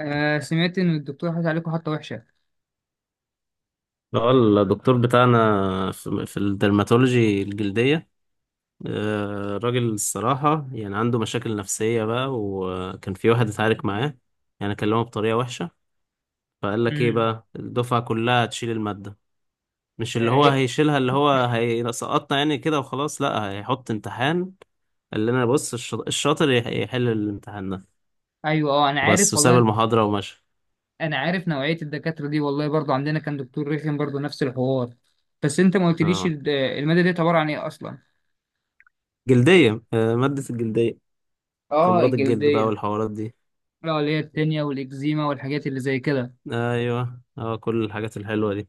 آه سمعت ان الدكتور حاطط عليكم حطه وحشه. اه الدكتور بتاعنا في الدرماتولوجي الجلدية. راجل الصراحة يعني عنده مشاكل نفسية بقى، وكان في واحد اتعارك معاه يعني كلمه بطريقة وحشة. فقال لك ايه امم. بقى، الدفعة كلها هتشيل المادة. مش آه، اللي هو إيه. هيشيلها، اللي هو هيسقطنا يعني كده وخلاص، لا هيحط امتحان. قال لنا بص، الشاطر يحل الامتحان ده ايوه، اه انا وبس، عارف وساب والله. المحاضرة ومشى. انا عارف نوعيه الدكاتره دي والله، برضو عندنا كان دكتور رخم برضو نفس الحوار. بس انت ما قلتليش اه، الماده دي عباره عن ايه اصلا. جلدية. آه، مادة الجلدية، اه، أمراض الجلد بقى الجلديه. والحوارات دي. لا، اللي هي التانية والاكزيما والحاجات اللي زي كده. ايوه اه، كل الحاجات الحلوه دي.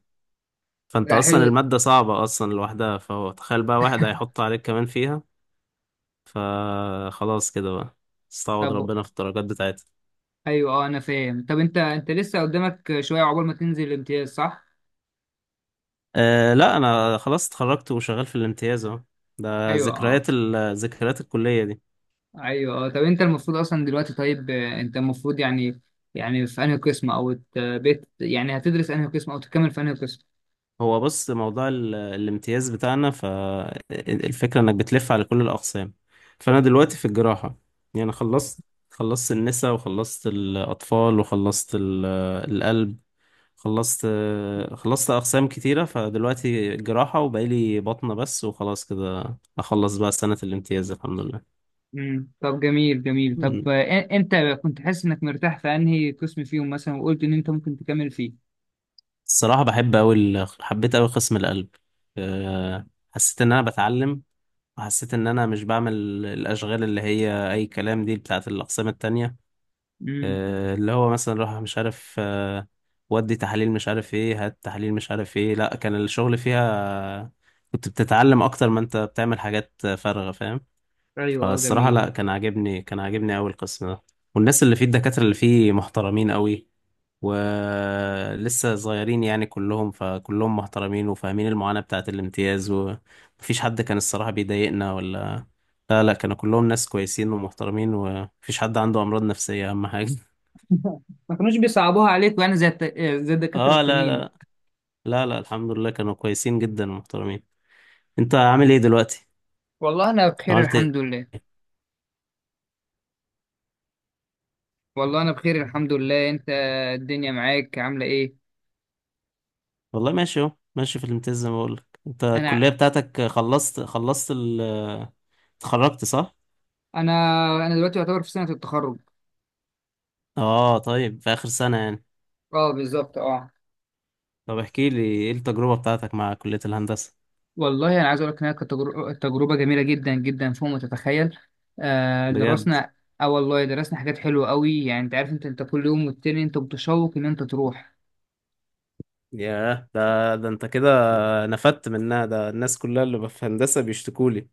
فانت لا اصلا حلو. الماده صعبه اصلا لوحدها، فهو تخيل بقى واحد هيحط عليك كمان فيها. فخلاص كده بقى، استعوض طب. ربنا في الدرجات بتاعتها. ايوه، اه انا فاهم. طب انت لسه قدامك شويه عقبال ما تنزل الامتياز، صح؟ أه لا، انا خلاص اتخرجت وشغال في الامتياز اهو. ده ايوه ذكريات اه. ذكريات الكليه دي. ايوه، آه. طب انت المفروض اصلا دلوقتي، طيب، انت المفروض يعني، يعني في انهي قسم او ت- بت يعني هتدرس انهي قسم او تكمل في انهي قسم. هو بص، موضوع الامتياز بتاعنا، فالفكره انك بتلف على كل الاقسام. فانا دلوقتي في الجراحه، يعني خلصت. خلصت النساء وخلصت الأطفال وخلصت القلب. خلصت. خلصت أقسام كتيرة، فدلوقتي جراحة وبقالي بطنة بس، وخلاص كده أخلص بقى سنة الامتياز الحمد لله. امم. طب جميل جميل. طب، مم. انت كنت حاسس انك مرتاح في انهي قسم فيهم مثلا، وقلت ان انت ممكن تكمل فيه. الصراحة بحب أوي حبيت أوي قسم القلب. أه، حسيت إن أنا بتعلم، وحسيت إن أنا مش بعمل الأشغال اللي هي أي كلام دي بتاعة الأقسام التانية. امم. أه، اللي هو مثلا روح مش عارف أه، ودي تحاليل مش عارف إيه، هات تحاليل مش عارف إيه. لأ، كان الشغل فيها كنت بتتعلم أكتر ما أنت بتعمل حاجات فارغة، فاهم. ايوه اه فالصراحة جميل. لا، كان عاجبني، كان عاجبني أوي القسم ده. والناس اللي فيه، الدكاترة اللي فيه محترمين أوي، ولسه صغيرين يعني كلهم. فكلهم محترمين وفاهمين المعاناة بتاعة الامتياز، ومفيش حد كان الصراحة بيضايقنا ولا. لا، كانوا كلهم ناس كويسين ومحترمين، ومفيش حد عنده أمراض نفسية، أهم حاجة. ما كانوش بيصعبوها عليك يعني زي الت... آه، زي الدكاترة اه لا التانيين. لا. لا، الحمد لله كانوا كويسين جدا ومحترمين. انت عامل ايه دلوقتي؟ والله انا بخير عملت ايه؟ الحمد لله. والله انا بخير الحمد لله، انت؟ الدنيا معاك عاملة ايه؟ والله ماشي اهو، ماشي في الامتياز زي ما بقولك. انت الكلية انا بتاعتك خلصت، خلصت، اتخرجت صح؟ انا انا دلوقتي يعتبر في سنة التخرج. اه طيب، في آخر سنة يعني. اه بالظبط اه. طب احكي لي ايه التجربة بتاعتك مع كلية الهندسة. والله انا عايز اقول لك انها كانت تجربه جميله جدا جدا فوق ما تتخيل. آه بجد. درسنا. اه والله درسنا حاجات حلوه قوي يعني. انت عارف، انت كل يوم والتاني انت متشوق ان انت تروح. ياه، ده انت كده نفدت منها. ده الناس كلها اللي في هندسة بيشتكوا لي.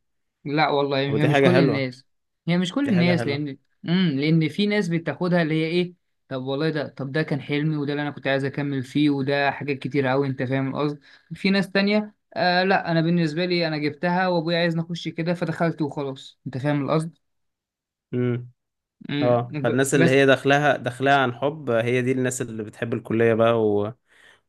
لا والله، طب هي دي مش حاجة كل حلوة، الناس. هي مش كل دي حاجة الناس حلوة. لان، امم، لان في ناس بتاخدها اللي هي ايه. طب والله ده، طب ده كان حلمي، وده اللي انا كنت عايز اكمل فيه، وده حاجات كتير قوي انت فاهم القصد. في ناس تانية آه. لا، انا بالنسبه لي انا جبتها وابويا عايز نخش كده، فدخلت وخلاص، انت فاهم القصد. امم. مم. اه، ب- فالناس اللي بس هي داخلها، داخلها عن حب، هي دي الناس اللي بتحب الكلية بقى و...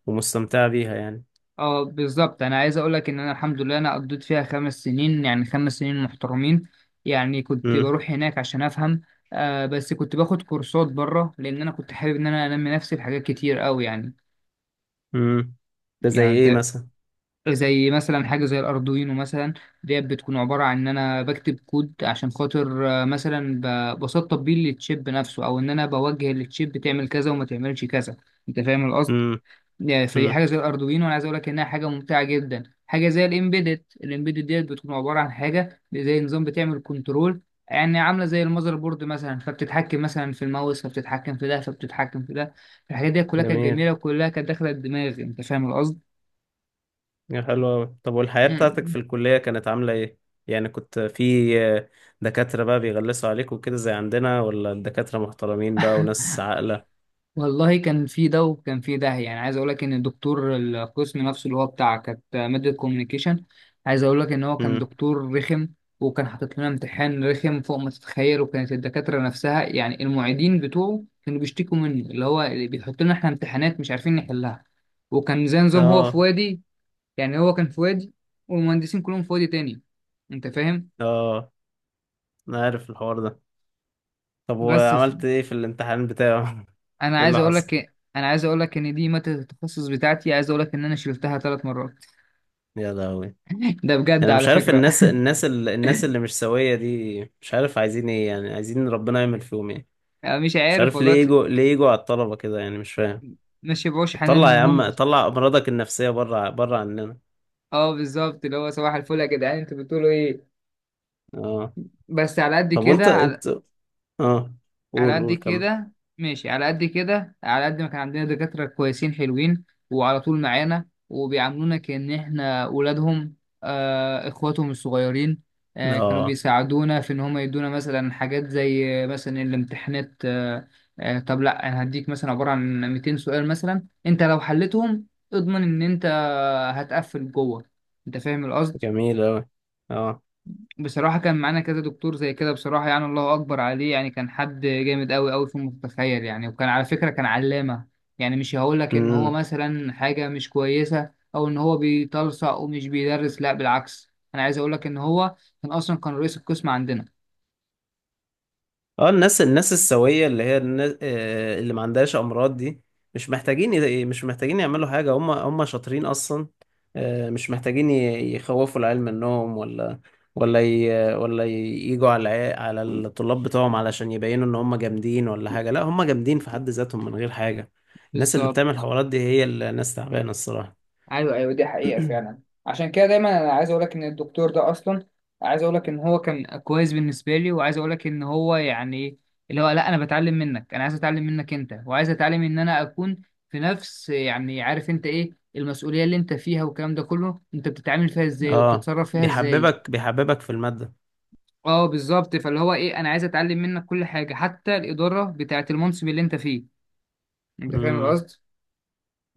ومستمتعة بيها يعني. اه بالظبط. انا عايز اقول لك ان انا الحمد لله انا قضيت فيها 5 سنين، يعني 5 سنين محترمين. يعني كنت امم. بروح هناك عشان افهم. آه بس كنت باخد كورسات بره، لان انا كنت حابب ان انا انمي نفسي في حاجات كتير قوي يعني. امم. ده زي يعني ايه انت، مثلا؟ زي مثلا حاجه زي الاردوينو مثلا. ديت بتكون عباره عن ان انا بكتب كود عشان خاطر، مثلا، بسطب بيه للتشيب نفسه، او ان انا بوجه للتشيب تعمل كذا وما تعملش كذا، انت فاهم القصد. امم. يعني فدي امم. حاجه زي الاردوينو، انا عايز اقول لك انها حاجه ممتعه جدا. حاجه زي الامبيدد. الامبيدد ديت بتكون عباره عن حاجه زي نظام بتعمل كنترول، يعني عامله زي المذر بورد مثلا، فبتتحكم مثلا في الماوس، فبتتحكم في ده، فبتتحكم في ده. الحاجات دي كلها كانت جميل. جميله، وكلها كانت داخله الدماغ، انت فاهم القصد؟ يا حلو أوي، طب والحياة بتاعتك في الكلية كانت عاملة إيه؟ يعني كنت في دكاترة بقى بيغلسوا عليك وكده زي عندنا، ولا الدكاترة محترمين بقى وناس عاقلة؟ والله كان في ده وكان في ده. يعني عايز اقول لك ان الدكتور القسم نفسه اللي هو بتاع، كانت ماده كوميونيكيشن. عايز اقول لك ان هو كان امم. دكتور رخم، وكان حاطط لنا امتحان رخم فوق ما تتخيل. وكانت الدكاتره نفسها، يعني المعيدين بتوعه، كانوا بيشتكوا منه. اللي هو اللي بيحط لنا احنا امتحانات مش عارفين نحلها. وكان زي نظام هو في آه. وادي، يعني هو كان في وادي، والمهندسين كلهم في وادي تاني، انت فاهم. آه أنا عارف الحوار ده. طب بس ف... وعملت إيه في الامتحان بتاعه؟ انا إيه عايز اللي اقول لك حصل؟ إيه، انا عايز اقول لك ان دي ماده التخصص بتاعتي. عايز اقول لك ان انا شلتها 3 مرات. يا لهوي. ده بجد أنا على مش عارف فكرة. الناس، الناس الناس اللي مش سوية دي، مش عارف عايزين إيه يعني، عايزين ربنا يعمل فيهم إيه؟ أنا مش مش عارف عارف والله ليه يجوا، ليه يجوا على الطلبة كده يعني، مش فاهم. ما شبعوش حنان طلع من يا هم. عم، طلع أمراضك النفسية بره، بره عننا. اه بالظبط، اللي هو صباح الفل يا جدعان انتوا بتقولوا ايه. آه. بس على قد طب وانت، كده، على انت اه على قول، قد قول كمل. كده ماشي. على قد كده على قد ما كان عندنا دكاترة كويسين حلوين، وعلى طول معانا وبيعاملونا كأن احنا أولادهم، آه، إخواتهم الصغيرين. آه كانوا اه بيساعدونا في إن هم يدونا مثلا حاجات زي، مثلا الامتحانات، آه. آه طب لأ، أنا هديك مثلا عبارة عن 200 سؤال مثلا، أنت لو حلتهم اضمن إن أنت هتقفل جوه، أنت فاهم القصد. جميل اوي. اه. بصراحة كان معانا كذا دكتور زي كده. بصراحة يعني الله أكبر عليه، يعني كان حد جامد أوي أوي فوق ما تتخيل يعني، وكان على فكرة كان علامة. يعني مش هقولك إن هو امم. مثلا حاجة مش كويسة أو إن هو بيتلصق ومش بيدرس. لا بالعكس، أنا عايز أقولك إن هو كان أصلا كان رئيس القسم عندنا. اه الناس، الناس السوية اللي هي الناس آه اللي ما عندهاش امراض دي، مش محتاجين مش محتاجين يعملوا حاجة، هم هم شاطرين اصلا. آه مش محتاجين يخوفوا العيال منهم ولا، ولا ي... ولا ي- يجوا على على الطلاب بتوعهم علشان يبينوا ان هم جامدين ولا حاجة. لا هم جامدين في حد ذاتهم من غير حاجة. الناس اللي بتعمل بالظبط. حوارات دي هي الناس تعبانة الصراحة. ايوه ايوه، دي حقيقة فعلا. عشان كده دايما انا عايز اقول لك ان الدكتور ده اصلا، عايز اقول لك ان هو كان كويس بالنسبة لي. وعايز اقول لك ان هو يعني، اللي هو لا، انا بتعلم منك. انا عايز اتعلم منك انت، وعايز اتعلم ان انا اكون في نفس، يعني عارف انت ايه المسؤولية اللي انت فيها والكلام ده كله، انت بتتعامل فيها ازاي اه، وبتتصرف فيها ازاي. بيحببك، بيحببك في المادة. اه بالظبط، فاللي هو ايه، انا عايز اتعلم منك كل حاجة حتى الإدارة بتاعة المنصب اللي انت فيه، انت فاهم امم. القصد؟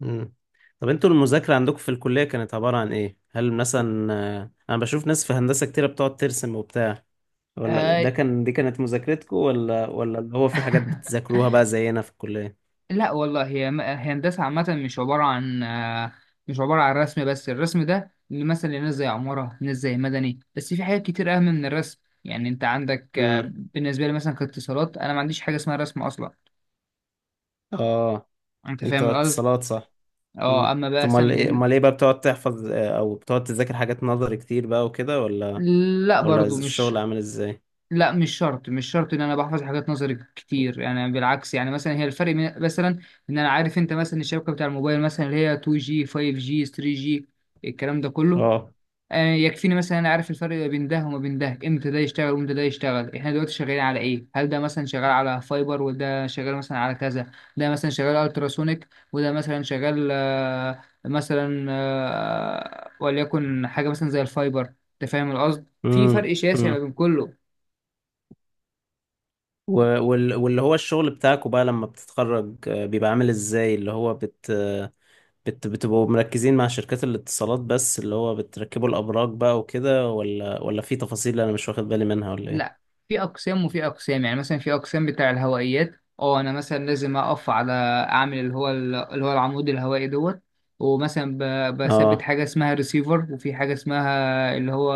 امم. طب انتوا المذاكرة عندكم في الكلية كانت عبارة عن ايه؟ هل مثلا آه، انا بشوف ناس في هندسة كتيرة بتقعد ترسم وبتاع، ولا آه. ده كان، دي كانت مذاكرتكم، ولا ولا اللي هو في حاجات بتذاكروها بقى زينا في الكلية؟ لا والله، هي هندسة عامة. مش عبارة عن، مش عبارة عن رسم بس. الرسم ده مثلا لناس زي عمارة، ناس زي مدني. بس في حاجات كتير أهم من الرسم يعني. أنت عندك، امم. بالنسبة لي مثلا كاتصالات، أنا ما عنديش حاجة اسمها رسم أصلا، اه أنت انت فاهم القصد؟ اتصالات صح؟ أه. امم. أما بقى امال ايه، امال ايه بقى، بتقعد تحفظ آه، او بتقعد تذاكر حاجات نظري كتير بقى وكده، ولا لا ولا برضو مش. الشغل عامل ازاي؟ لا مش شرط مش شرط ان انا بحفظ حاجات نظري كتير يعني. بالعكس، يعني مثلا هي الفرق مثلا، ان انا عارف، انت مثلا الشبكه بتاع الموبايل مثلا اللي هي 2G 5G 3G الكلام ده كله، اه. يكفيني مثلا انا عارف الفرق ما بين ده وما بين ده، امتى ده يشتغل وامتى ده يشتغل، احنا دلوقتي شغالين على ايه، هل ده مثلا شغال على فايبر وده شغال مثلا على كذا، ده مثلا شغال التراسونيك، وده مثلا شغال، آه، مثلا آه، وليكن حاجه مثلا زي الفايبر، انت فاهم القصد، في فرق شاسع ما امم. بين كله. و- واللي هو الشغل بتاعكوا بقى لما بتتخرج آه، بيبقى عامل ازاي؟ اللي هو بت آه، بت بتبقوا مركزين مع شركات الاتصالات بس، اللي هو بتركبوا الأبراج بقى وكده، ولا ولا في تفاصيل أنا مش واخد بالي منها، ولا لا، ايه؟ في اقسام وفي اقسام. يعني مثلا في اقسام بتاع الهوائيات. اه انا مثلا لازم اقف على، اعمل اللي هو العمود الهوائي دوت. ومثلا بثبت اه. حاجه اسمها ريسيفر. وفي حاجه اسمها اللي هو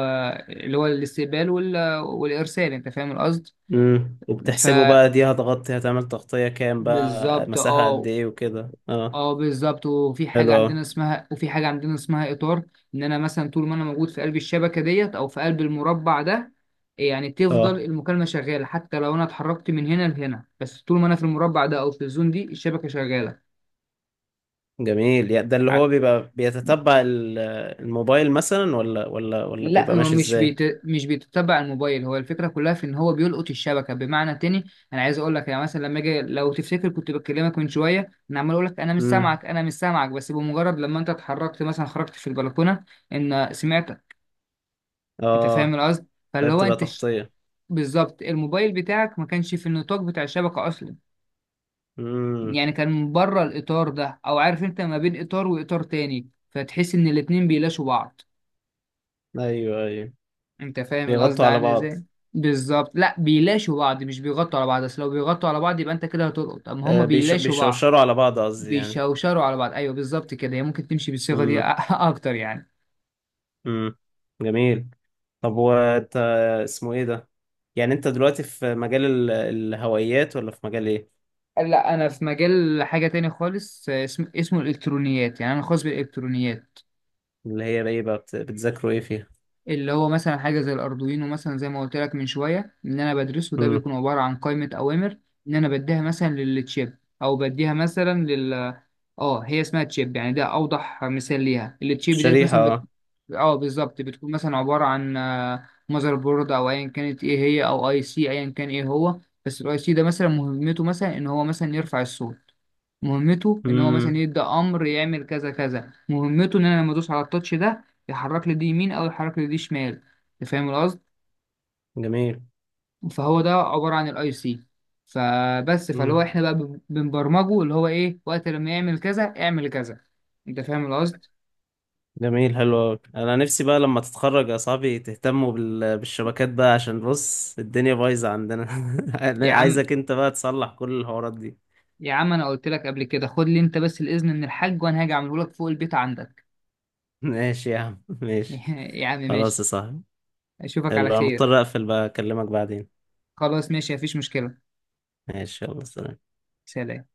اللي هو الاستقبال والارسال، انت فاهم القصد. امم. ف، وبتحسبوا بقى دي هتغطي، هتعمل تغطية كام بقى، بالظبط مساحة قد اه. ايه وكده اه. اه بالظبط. وفي حاجه حلو اوي. عندنا اسمها، وفي حاجه عندنا اسمها اطار. ان انا مثلا طول ما انا موجود في قلب الشبكه ديت او في قلب المربع ده، يعني تفضل اه. المكالمه شغاله حتى لو انا اتحركت من هنا لهنا. بس طول ما انا في المربع ده او في الزون دي الشبكه شغاله. جميل، يعني ده اللي ع- هو بيبقى بيتتبع الموبايل مثلا، ولا ولا ولا لا، بيبقى هو ماشي ازاي؟ مش بيتتبع الموبايل. هو الفكره كلها في ان هو بيلقط الشبكه. بمعنى تاني، انا عايز اقول لك، يعني مثلا لما اجي، لو تفتكر كنت بكلمك من شويه انا عمال اقول لك انا مش امم. سامعك انا مش سامعك، بس بمجرد لما انت اتحركت مثلا خرجت في البلكونه، ان سمعت، انت فاهم اه. القصد. فاللي طيب هو بتبقى انت ش... تغطية. بالظبط، الموبايل بتاعك ما كانش في النطاق بتاع الشبكة اصلا. امم. يعني كان من بره الاطار ده، او عارف انت ما بين اطار واطار تاني فتحس ان الاتنين بيلاشوا بعض، ايوه ايوه. انت فاهم القصد بيغطوا على عامل بعض. ازاي. بالظبط. لا، بيلاشوا بعض، مش بيغطوا على بعض. اصل لو بيغطوا على بعض يبقى انت كده هتلقط، اما هما آه، بيلاشوا بعض. بيشوشروا على بعض قصدي يعني. بيشوشروا على بعض، ايوه بالظبط كده، هي ممكن تمشي بالصيغة دي امم. اكتر يعني. امم. جميل. طب وانت، اسمه ايه ده، يعني انت دلوقتي في مجال الهوائيات، ولا في مجال ايه؟ لا، انا في مجال حاجة تاني خالص، اسمه الالكترونيات. يعني انا خاص بالالكترونيات. اللي هي بقى ايه بقى، بتذاكروا ايه فيها؟ اللي هو مثلا حاجة زي الأردوينو مثلا، زي ما قلت لك من شوية، إن أنا بدرسه، ده امم. بيكون عبارة عن قائمة أوامر إن أنا بديها مثلا للتشيب، أو بديها مثلا لل آه هي اسمها تشيب يعني. ده أوضح مثال ليها. التشيب ديت الشريحة مثلا اه. آه بالظبط بتكون مثلا عبارة عن ماذر بورد، أو أيا كانت إيه هي، أو أي سي أيا كان إيه هو. بس الأي سي ده مثلا مهمته مثلا إن هو مثلا يرفع الصوت. مهمته ان هو مثلا امم. يبدا امر يعمل كذا كذا. مهمته ان انا لما ادوس على التاتش ده يحرك لي دي يمين او يحرك لي دي شمال، انت فاهم القصد. جميل. فهو ده عباره عن الاي سي. فبس، فاللي هو امم. احنا بقى بنبرمجه اللي هو ايه وقت لما يعمل كذا اعمل كذا، انت فاهم القصد. جميل حلو أوي. انا نفسي بقى لما تتخرج يا صاحبي تهتموا بالشبكات بقى، عشان بص الدنيا بايظة عندنا. يا عم، عايزك انت بقى تصلح كل الحوارات دي. يا عم انا قلت لك قبل كده، خد لي انت بس الاذن من الحاج وانا هاجي اعمله لك فوق البيت عندك. ماشي يا عم، ماشي. يا عم خلاص يا ماشي. صاحبي. اشوفك على يلا، انا خير. مضطر اقفل بقى، اكلمك بعدين. خلاص ماشي مفيش مشكله. ماشي، يلا سلام. سلام.